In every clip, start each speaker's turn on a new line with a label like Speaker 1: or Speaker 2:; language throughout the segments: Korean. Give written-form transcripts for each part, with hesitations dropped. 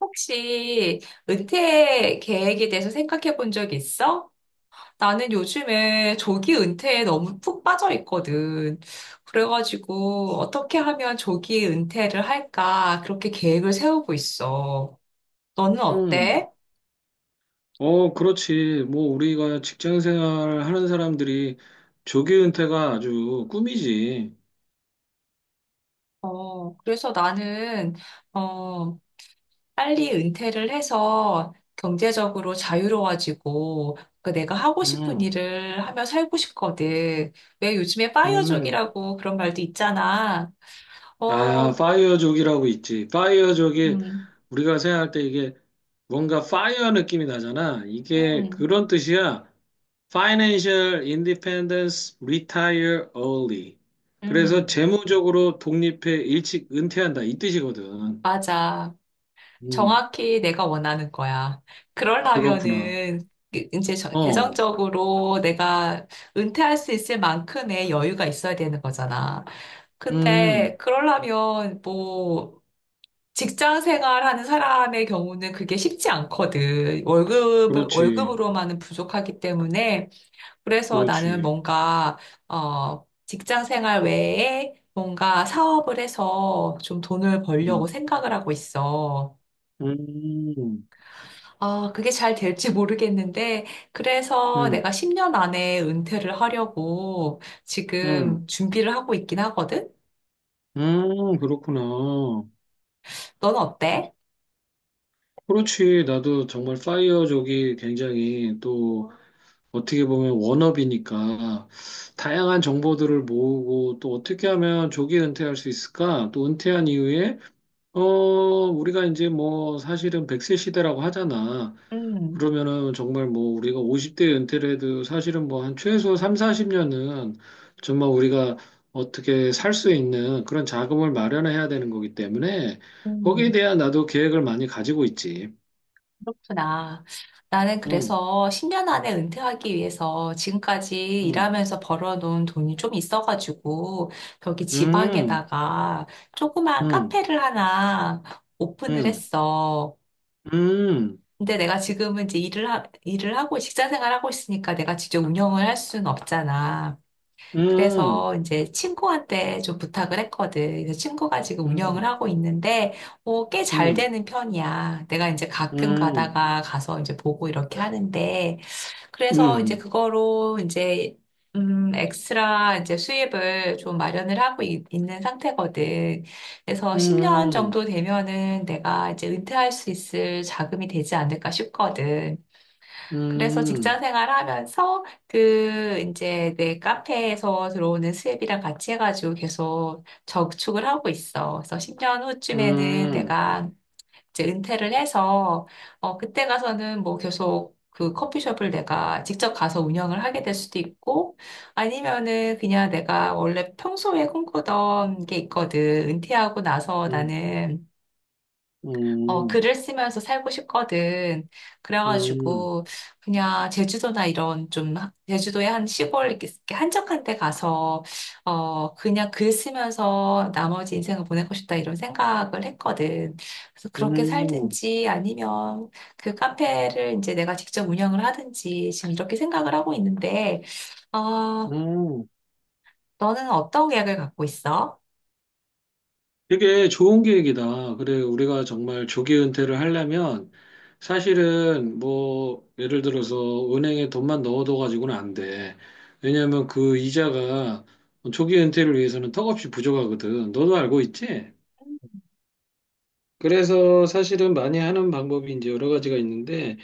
Speaker 1: 혹시 은퇴 계획에 대해서 생각해 본 적 있어? 나는 요즘에 조기 은퇴에 너무 푹 빠져 있거든. 그래가지고 어떻게 하면 조기 은퇴를 할까? 그렇게 계획을 세우고 있어. 너는
Speaker 2: 음,
Speaker 1: 어때?
Speaker 2: 그렇지. 뭐, 우리가 직장 생활 하는 사람들이 조기 은퇴가 아주 꿈이지.
Speaker 1: 어, 그래서 나는, 어, 빨리 은퇴를 해서 경제적으로 자유로워지고, 그 내가 하고 싶은
Speaker 2: 음,
Speaker 1: 일을 하며 살고 싶거든. 왜 요즘에
Speaker 2: 음.
Speaker 1: 파이어족이라고 그런 말도 있잖아. 어,
Speaker 2: 아, 파이어족이라고 있지. 파이어족이
Speaker 1: 음,
Speaker 2: 우리가 생각할 때 이게 뭔가 파이어 느낌이 나잖아. 이게
Speaker 1: 음,
Speaker 2: 그런 뜻이야. Financial Independence Retire Early. 그래서
Speaker 1: 음,
Speaker 2: 재무적으로 독립해 일찍 은퇴한다. 이 뜻이거든.
Speaker 1: 맞아.
Speaker 2: 음,
Speaker 1: 정확히 내가 원하는 거야.
Speaker 2: 그렇구나.
Speaker 1: 그러려면은,
Speaker 2: 어,
Speaker 1: 재정적으로 내가 은퇴할 수 있을 만큼의 여유가 있어야 되는 거잖아. 근데,
Speaker 2: 음,
Speaker 1: 그러려면, 뭐, 직장 생활하는 사람의 경우는 그게 쉽지 않거든.
Speaker 2: 그렇지.
Speaker 1: 월급으로만은 부족하기 때문에, 그래서 나는
Speaker 2: 그렇지.
Speaker 1: 뭔가, 어, 직장 생활 외에 뭔가 사업을 해서 좀 돈을 벌려고
Speaker 2: 음,
Speaker 1: 생각을 하고 있어.
Speaker 2: 음,
Speaker 1: 아, 그게 잘 될지 모르겠는데, 그래서
Speaker 2: 음,
Speaker 1: 내가 10년 안에 은퇴를 하려고
Speaker 2: 음,
Speaker 1: 지금 준비를 하고 있긴 하거든?
Speaker 2: 그렇구나.
Speaker 1: 넌 어때?
Speaker 2: 그렇지. 나도 정말 파이어 족이 굉장히 또 어떻게 보면 워너비니까 다양한 정보들을 모으고 또 어떻게 하면 조기 은퇴할 수 있을까? 또 은퇴한 이후에, 어, 우리가 이제 뭐 사실은 백세 시대라고 하잖아.
Speaker 1: 음,
Speaker 2: 그러면은 정말 뭐 우리가 50대 은퇴를 해도 사실은 뭐 한 최소 삼, 사십 년은 정말 우리가 어떻게 살 수 있는 그런 자금을 마련해야 되는 거기 때문에 거기에
Speaker 1: 음.
Speaker 2: 대한 나도 계획을 많이 가지고 있지.
Speaker 1: 그렇구나. 나는
Speaker 2: 응,
Speaker 1: 그래서 10년 안에 은퇴하기 위해서 지금까지
Speaker 2: 응,
Speaker 1: 일하면서 벌어놓은 돈이 좀 있어가지고, 여기
Speaker 2: 응,
Speaker 1: 지방에다가 조그만
Speaker 2: 응,
Speaker 1: 카페를 하나 오픈을
Speaker 2: 응,
Speaker 1: 했어.
Speaker 2: 응, 응,
Speaker 1: 근데 내가 지금은 이제 일을 하고 직장 생활하고 있으니까 내가 직접 운영을 할 수는 없잖아.
Speaker 2: 응,
Speaker 1: 그래서 이제 친구한테 좀 부탁을 했거든. 그래서 친구가 지금 운영을
Speaker 2: 응,
Speaker 1: 하고 있는데, 꽤 잘
Speaker 2: 응,
Speaker 1: 되는 편이야. 내가 이제
Speaker 2: 응,
Speaker 1: 가끔
Speaker 2: 응,
Speaker 1: 가다가 가서 이제 보고 이렇게 하는데, 그래서 이제
Speaker 2: 응,
Speaker 1: 그거로 이제, 음, 엑스트라 이제 수입을 좀 마련을 하고 있는 상태거든. 그래서
Speaker 2: 응,
Speaker 1: 10년
Speaker 2: 응,
Speaker 1: 정도 되면은 내가 이제 은퇴할 수 있을 자금이 되지 않을까 싶거든. 그래서
Speaker 2: 응,
Speaker 1: 직장 생활하면서 그 이제 내 카페에서 들어오는 수입이랑 같이 해가지고 계속 저축을 하고 있어. 그래서 10년 후쯤에는
Speaker 2: 응,
Speaker 1: 내가 이제 은퇴를 해서 그때 가서는 뭐 계속 그 커피숍을 내가 직접 가서 운영을 하게 될 수도 있고 아니면은 그냥 내가 원래 평소에 꿈꾸던 게 있거든. 은퇴하고 나서 나는
Speaker 2: 응,
Speaker 1: 글을 쓰면서 살고 싶거든.
Speaker 2: 응,
Speaker 1: 그래가지고, 그냥 제주도나 이런 좀, 하- 제주도의 한 시골 이렇게 한적한 데 가서, 그냥 글 쓰면서 나머지 인생을 보내고 싶다 이런 생각을 했거든. 그래서 그렇게
Speaker 2: 응,
Speaker 1: 살든지 아니면 그 카페를 이제 내가 직접 운영을 하든지 지금 이렇게 생각을 하고 있는데, 어,
Speaker 2: 응,
Speaker 1: 너는 어떤 계획을 갖고 있어?
Speaker 2: 되게 좋은 계획이다. 그래, 우리가 정말 조기 은퇴를 하려면 사실은 뭐 예를 들어서 은행에 돈만 넣어둬 가지고는 안 돼. 왜냐하면 그 이자가 조기 은퇴를 위해서는 턱없이 부족하거든. 너도 알고 있지? 그래서 사실은 많이 하는 방법이 이제 여러 가지가 있는데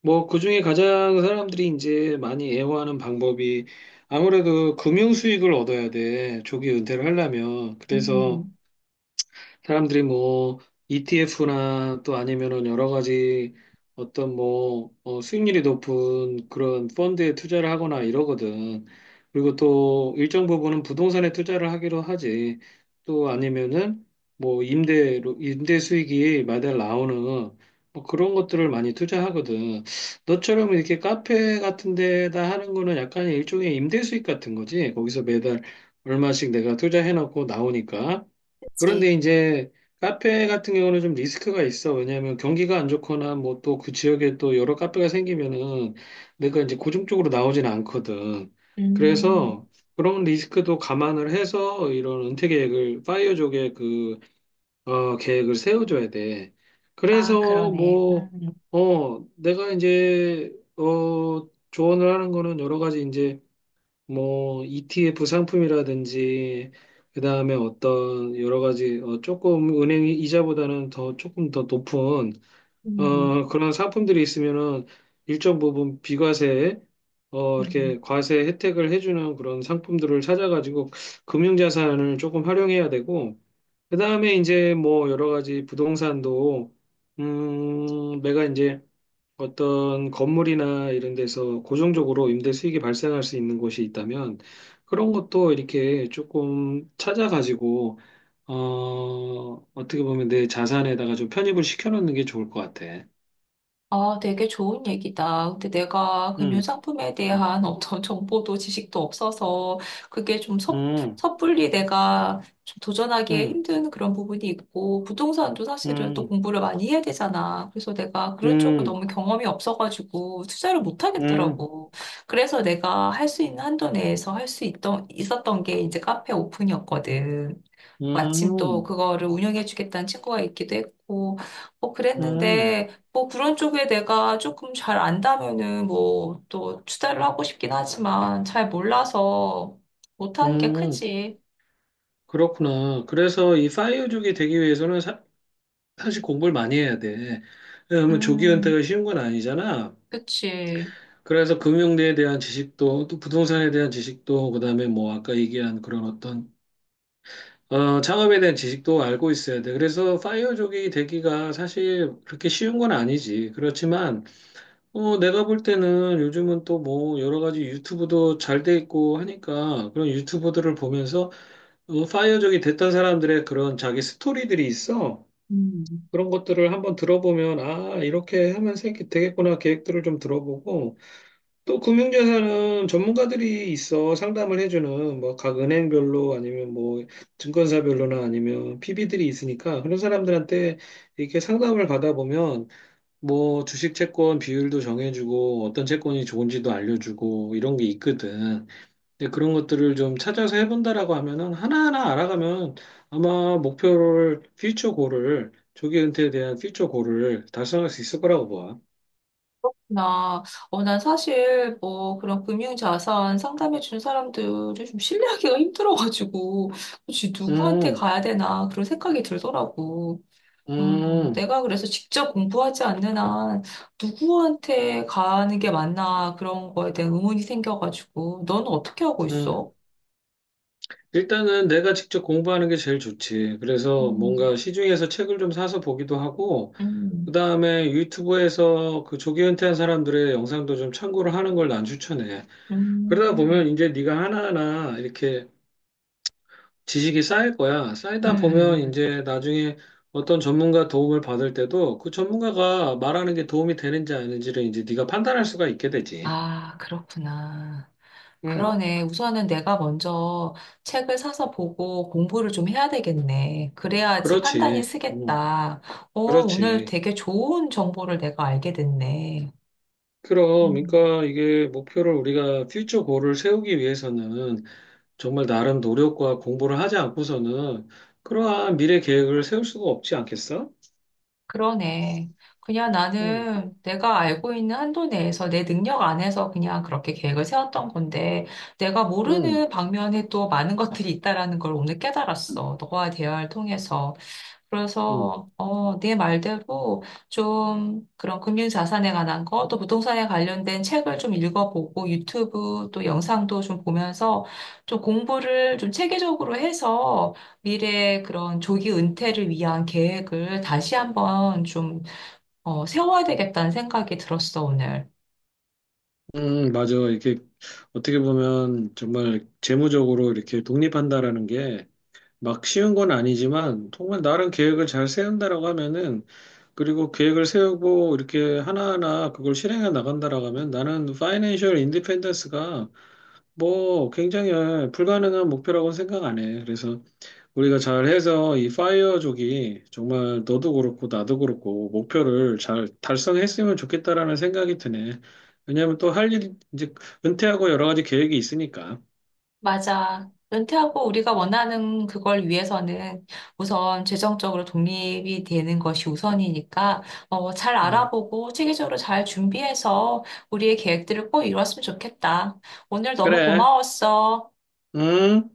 Speaker 2: 뭐 그중에 가장 사람들이 이제 많이 애호하는 방법이 아무래도 금융 수익을 얻어야 돼. 조기 은퇴를 하려면. 그래서
Speaker 1: 음,
Speaker 2: 사람들이 뭐 ETF나 또 아니면은 여러 가지 어떤 뭐 수익률이 높은 그런 펀드에 투자를 하거나 이러거든. 그리고 또 일정 부분은 부동산에 투자를 하기로 하지. 또 아니면은 뭐 임대로 임대 수익이 매달 나오는 뭐 그런 것들을 많이 투자하거든. 너처럼 이렇게 카페 같은 데다 하는 거는 약간 일종의 임대 수익 같은 거지. 거기서 매달 얼마씩 내가 투자해 놓고 나오니까.
Speaker 1: 그치.
Speaker 2: 그런데 이제 카페 같은 경우는 좀 리스크가 있어. 왜냐하면 경기가 안 좋거나 뭐 또 그 지역에 또 여러 카페가 생기면은 내가 이제 고정적으로 나오진 않거든.
Speaker 1: 음,
Speaker 2: 그래서 그런 리스크도 감안을 해서 이런 은퇴 계획을, 파이어족의 그, 계획을 세워줘야 돼.
Speaker 1: 아,
Speaker 2: 그래서
Speaker 1: 그러네.
Speaker 2: 뭐,
Speaker 1: 음.
Speaker 2: 내가 이제, 어, 조언을 하는 거는 여러 가지 이제 뭐 ETF 상품이라든지 그다음에 어떤 여러 가지 조금 은행 이자보다는 더 조금 더 높은
Speaker 1: 음.
Speaker 2: 그런 상품들이 있으면은 일정 부분 비과세 이렇게
Speaker 1: 음.
Speaker 2: 과세 혜택을 해주는 그런 상품들을 찾아가지고 금융자산을 조금 활용해야 되고 그다음에 이제 뭐 여러 가지 부동산도 내가 이제 어떤 건물이나 이런 데서 고정적으로 임대 수익이 발생할 수 있는 곳이 있다면 그런 것도 이렇게 조금 찾아가지고 어, 어떻게 보면 내 자산에다가 좀 편입을 시켜놓는 게 좋을 것 같아.
Speaker 1: 아, 되게 좋은 얘기다. 근데 내가 금융
Speaker 2: 음,
Speaker 1: 상품에
Speaker 2: 음,
Speaker 1: 대한 어떤 정보도 지식도 없어서 그게 좀 섣,
Speaker 2: 음,
Speaker 1: 섣불리 내가 좀 도전하기에
Speaker 2: 음,
Speaker 1: 힘든 그런 부분이 있고 부동산도 사실은 또
Speaker 2: 음,
Speaker 1: 공부를 많이 해야 되잖아. 그래서 내가 그런 쪽을
Speaker 2: 음,
Speaker 1: 너무 경험이 없어가지고 투자를 못
Speaker 2: 음,
Speaker 1: 하겠더라고. 그래서 내가 할 수 있는 한도 내에서 할 수 있던 있었던 게 이제 카페 오픈이었거든. 마침 또
Speaker 2: 음,
Speaker 1: 그거를 운영해 주겠다는 친구가 있기도 했고, 뭐
Speaker 2: 음,
Speaker 1: 그랬는데, 뭐 그런 쪽에 내가 조금 잘 안다면은 뭐 또 투자를 하고 싶긴 하지만 잘 몰라서 못하는 게
Speaker 2: 음.
Speaker 1: 크지.
Speaker 2: 그렇구나. 그래서 이 파이어족이 되기 위해서는 사실 공부를 많이 해야 돼. 왜냐면 조기
Speaker 1: 음,
Speaker 2: 은퇴가 쉬운 건 아니잖아.
Speaker 1: 그치.
Speaker 2: 그래서 금융에 대한 지식도, 또 부동산에 대한 지식도, 그다음에 뭐 아까 얘기한 그런 어떤 창업에 대한 지식도 알고 있어야 돼. 그래서 파이어족이 되기가 사실 그렇게 쉬운 건 아니지. 그렇지만 내가 볼 때는 요즘은 또 뭐 여러 가지 유튜브도 잘 돼 있고 하니까 그런 유튜브들을 보면서 파이어족이 됐던 사람들의 그런 자기 스토리들이 있어.
Speaker 1: 음.
Speaker 2: 그런 것들을 한번 들어보면 아, 이렇게 하면 생기 되겠구나 계획들을 좀 들어보고 또 금융자산은 전문가들이 있어 상담을 해주는 뭐 각 은행별로 아니면 뭐 증권사별로나 아니면 PB들이 있으니까 그런 사람들한테 이렇게 상담을 받아보면 뭐 주식 채권 비율도 정해주고 어떤 채권이 좋은지도 알려주고 이런 게 있거든. 근데 그런 것들을 좀 찾아서 해본다라고 하면은 하나하나 알아가면 아마 목표를 퓨처 골을 조기 은퇴에 대한 퓨처 골을 달성할 수 있을 거라고 봐.
Speaker 1: 나, 난 사실 뭐 그런 금융자산 상담해 준 사람들을 좀 신뢰하기가 힘들어가지고, 혹시 누구한테
Speaker 2: 음,
Speaker 1: 가야 되나 그런 생각이 들더라고.
Speaker 2: 음,
Speaker 1: 내가 그래서 직접 공부하지 않는 한 누구한테 가는 게 맞나 그런 거에 대한 의문이 생겨가지고, 너는 어떻게 하고
Speaker 2: 음.
Speaker 1: 있어?
Speaker 2: 일단은 내가 직접 공부하는 게 제일 좋지. 그래서
Speaker 1: 음,
Speaker 2: 뭔가 시중에서 책을 좀 사서 보기도 하고, 그
Speaker 1: 음,
Speaker 2: 다음에 유튜브에서 그 조기 은퇴한 사람들의 영상도 좀 참고를 하는 걸 난 추천해. 그러다 보면
Speaker 1: 음,
Speaker 2: 이제 네가 하나하나 이렇게 지식이 쌓일 거야.
Speaker 1: 음,
Speaker 2: 쌓이다 보면
Speaker 1: 음, 음.
Speaker 2: 이제 나중에 어떤 전문가 도움을 받을 때도 그 전문가가 말하는 게 도움이 되는지 아닌지를 이제 네가 판단할 수가 있게 되지.
Speaker 1: 아, 그렇구나.
Speaker 2: 응,
Speaker 1: 그러네. 우선은 내가 먼저 책을 사서 보고 공부를 좀 해야 되겠네. 그래야지 판단이
Speaker 2: 그렇지. 응,
Speaker 1: 쓰겠다. 오늘
Speaker 2: 그렇지.
Speaker 1: 되게 좋은 정보를 내가 알게 됐네.
Speaker 2: 그럼,
Speaker 1: 음.
Speaker 2: 그러니까 이게 목표를 우리가 퓨처 골을 세우기 위해서는 정말 나름 노력과 공부를 하지 않고서는 그러한 미래 계획을 세울 수가 없지 않겠어?
Speaker 1: 그러네. 그냥
Speaker 2: 음,
Speaker 1: 나는 내가 알고 있는 한도 내에서 내 능력 안에서 그냥 그렇게 계획을 세웠던 건데, 내가
Speaker 2: 음,
Speaker 1: 모르는 방면에 또 많은 것들이 있다라는 걸 오늘 깨달았어. 너와 대화를 통해서.
Speaker 2: 음,
Speaker 1: 그래서 네 말대로 좀 그런 금융자산에 관한 거, 또 부동산에 관련된 책을 좀 읽어보고 유튜브 또 영상도 좀 보면서 좀 공부를 좀 체계적으로 해서 미래 그런 조기 은퇴를 위한 계획을 다시 한번 좀 세워야 되겠다는 생각이 들었어, 오늘.
Speaker 2: 맞아. 이렇게 어떻게 보면 정말 재무적으로 이렇게 독립한다라는 게 막 쉬운 건 아니지만 정말 나름 계획을 잘 세운다라고 하면은 그리고 계획을 세우고 이렇게 하나하나 그걸 실행해 나간다라고 하면 나는 파이낸셜 인디펜던스가 뭐 굉장히 불가능한 목표라고 생각 안 해. 그래서 우리가 잘해서 이 파이어족이 정말 너도 그렇고 나도 그렇고 목표를 잘 달성했으면 좋겠다라는 생각이 드네. 왜냐하면 또 할 일 이제 은퇴하고 여러 가지 계획이 있으니까.
Speaker 1: 맞아. 은퇴하고 우리가 원하는 그걸 위해서는 우선 재정적으로 독립이 되는 것이 우선이니까 잘
Speaker 2: 음.
Speaker 1: 알아보고 체계적으로 잘 준비해서 우리의 계획들을 꼭 이뤘으면 좋겠다. 오늘 너무
Speaker 2: 그래.
Speaker 1: 고마웠어.
Speaker 2: 응?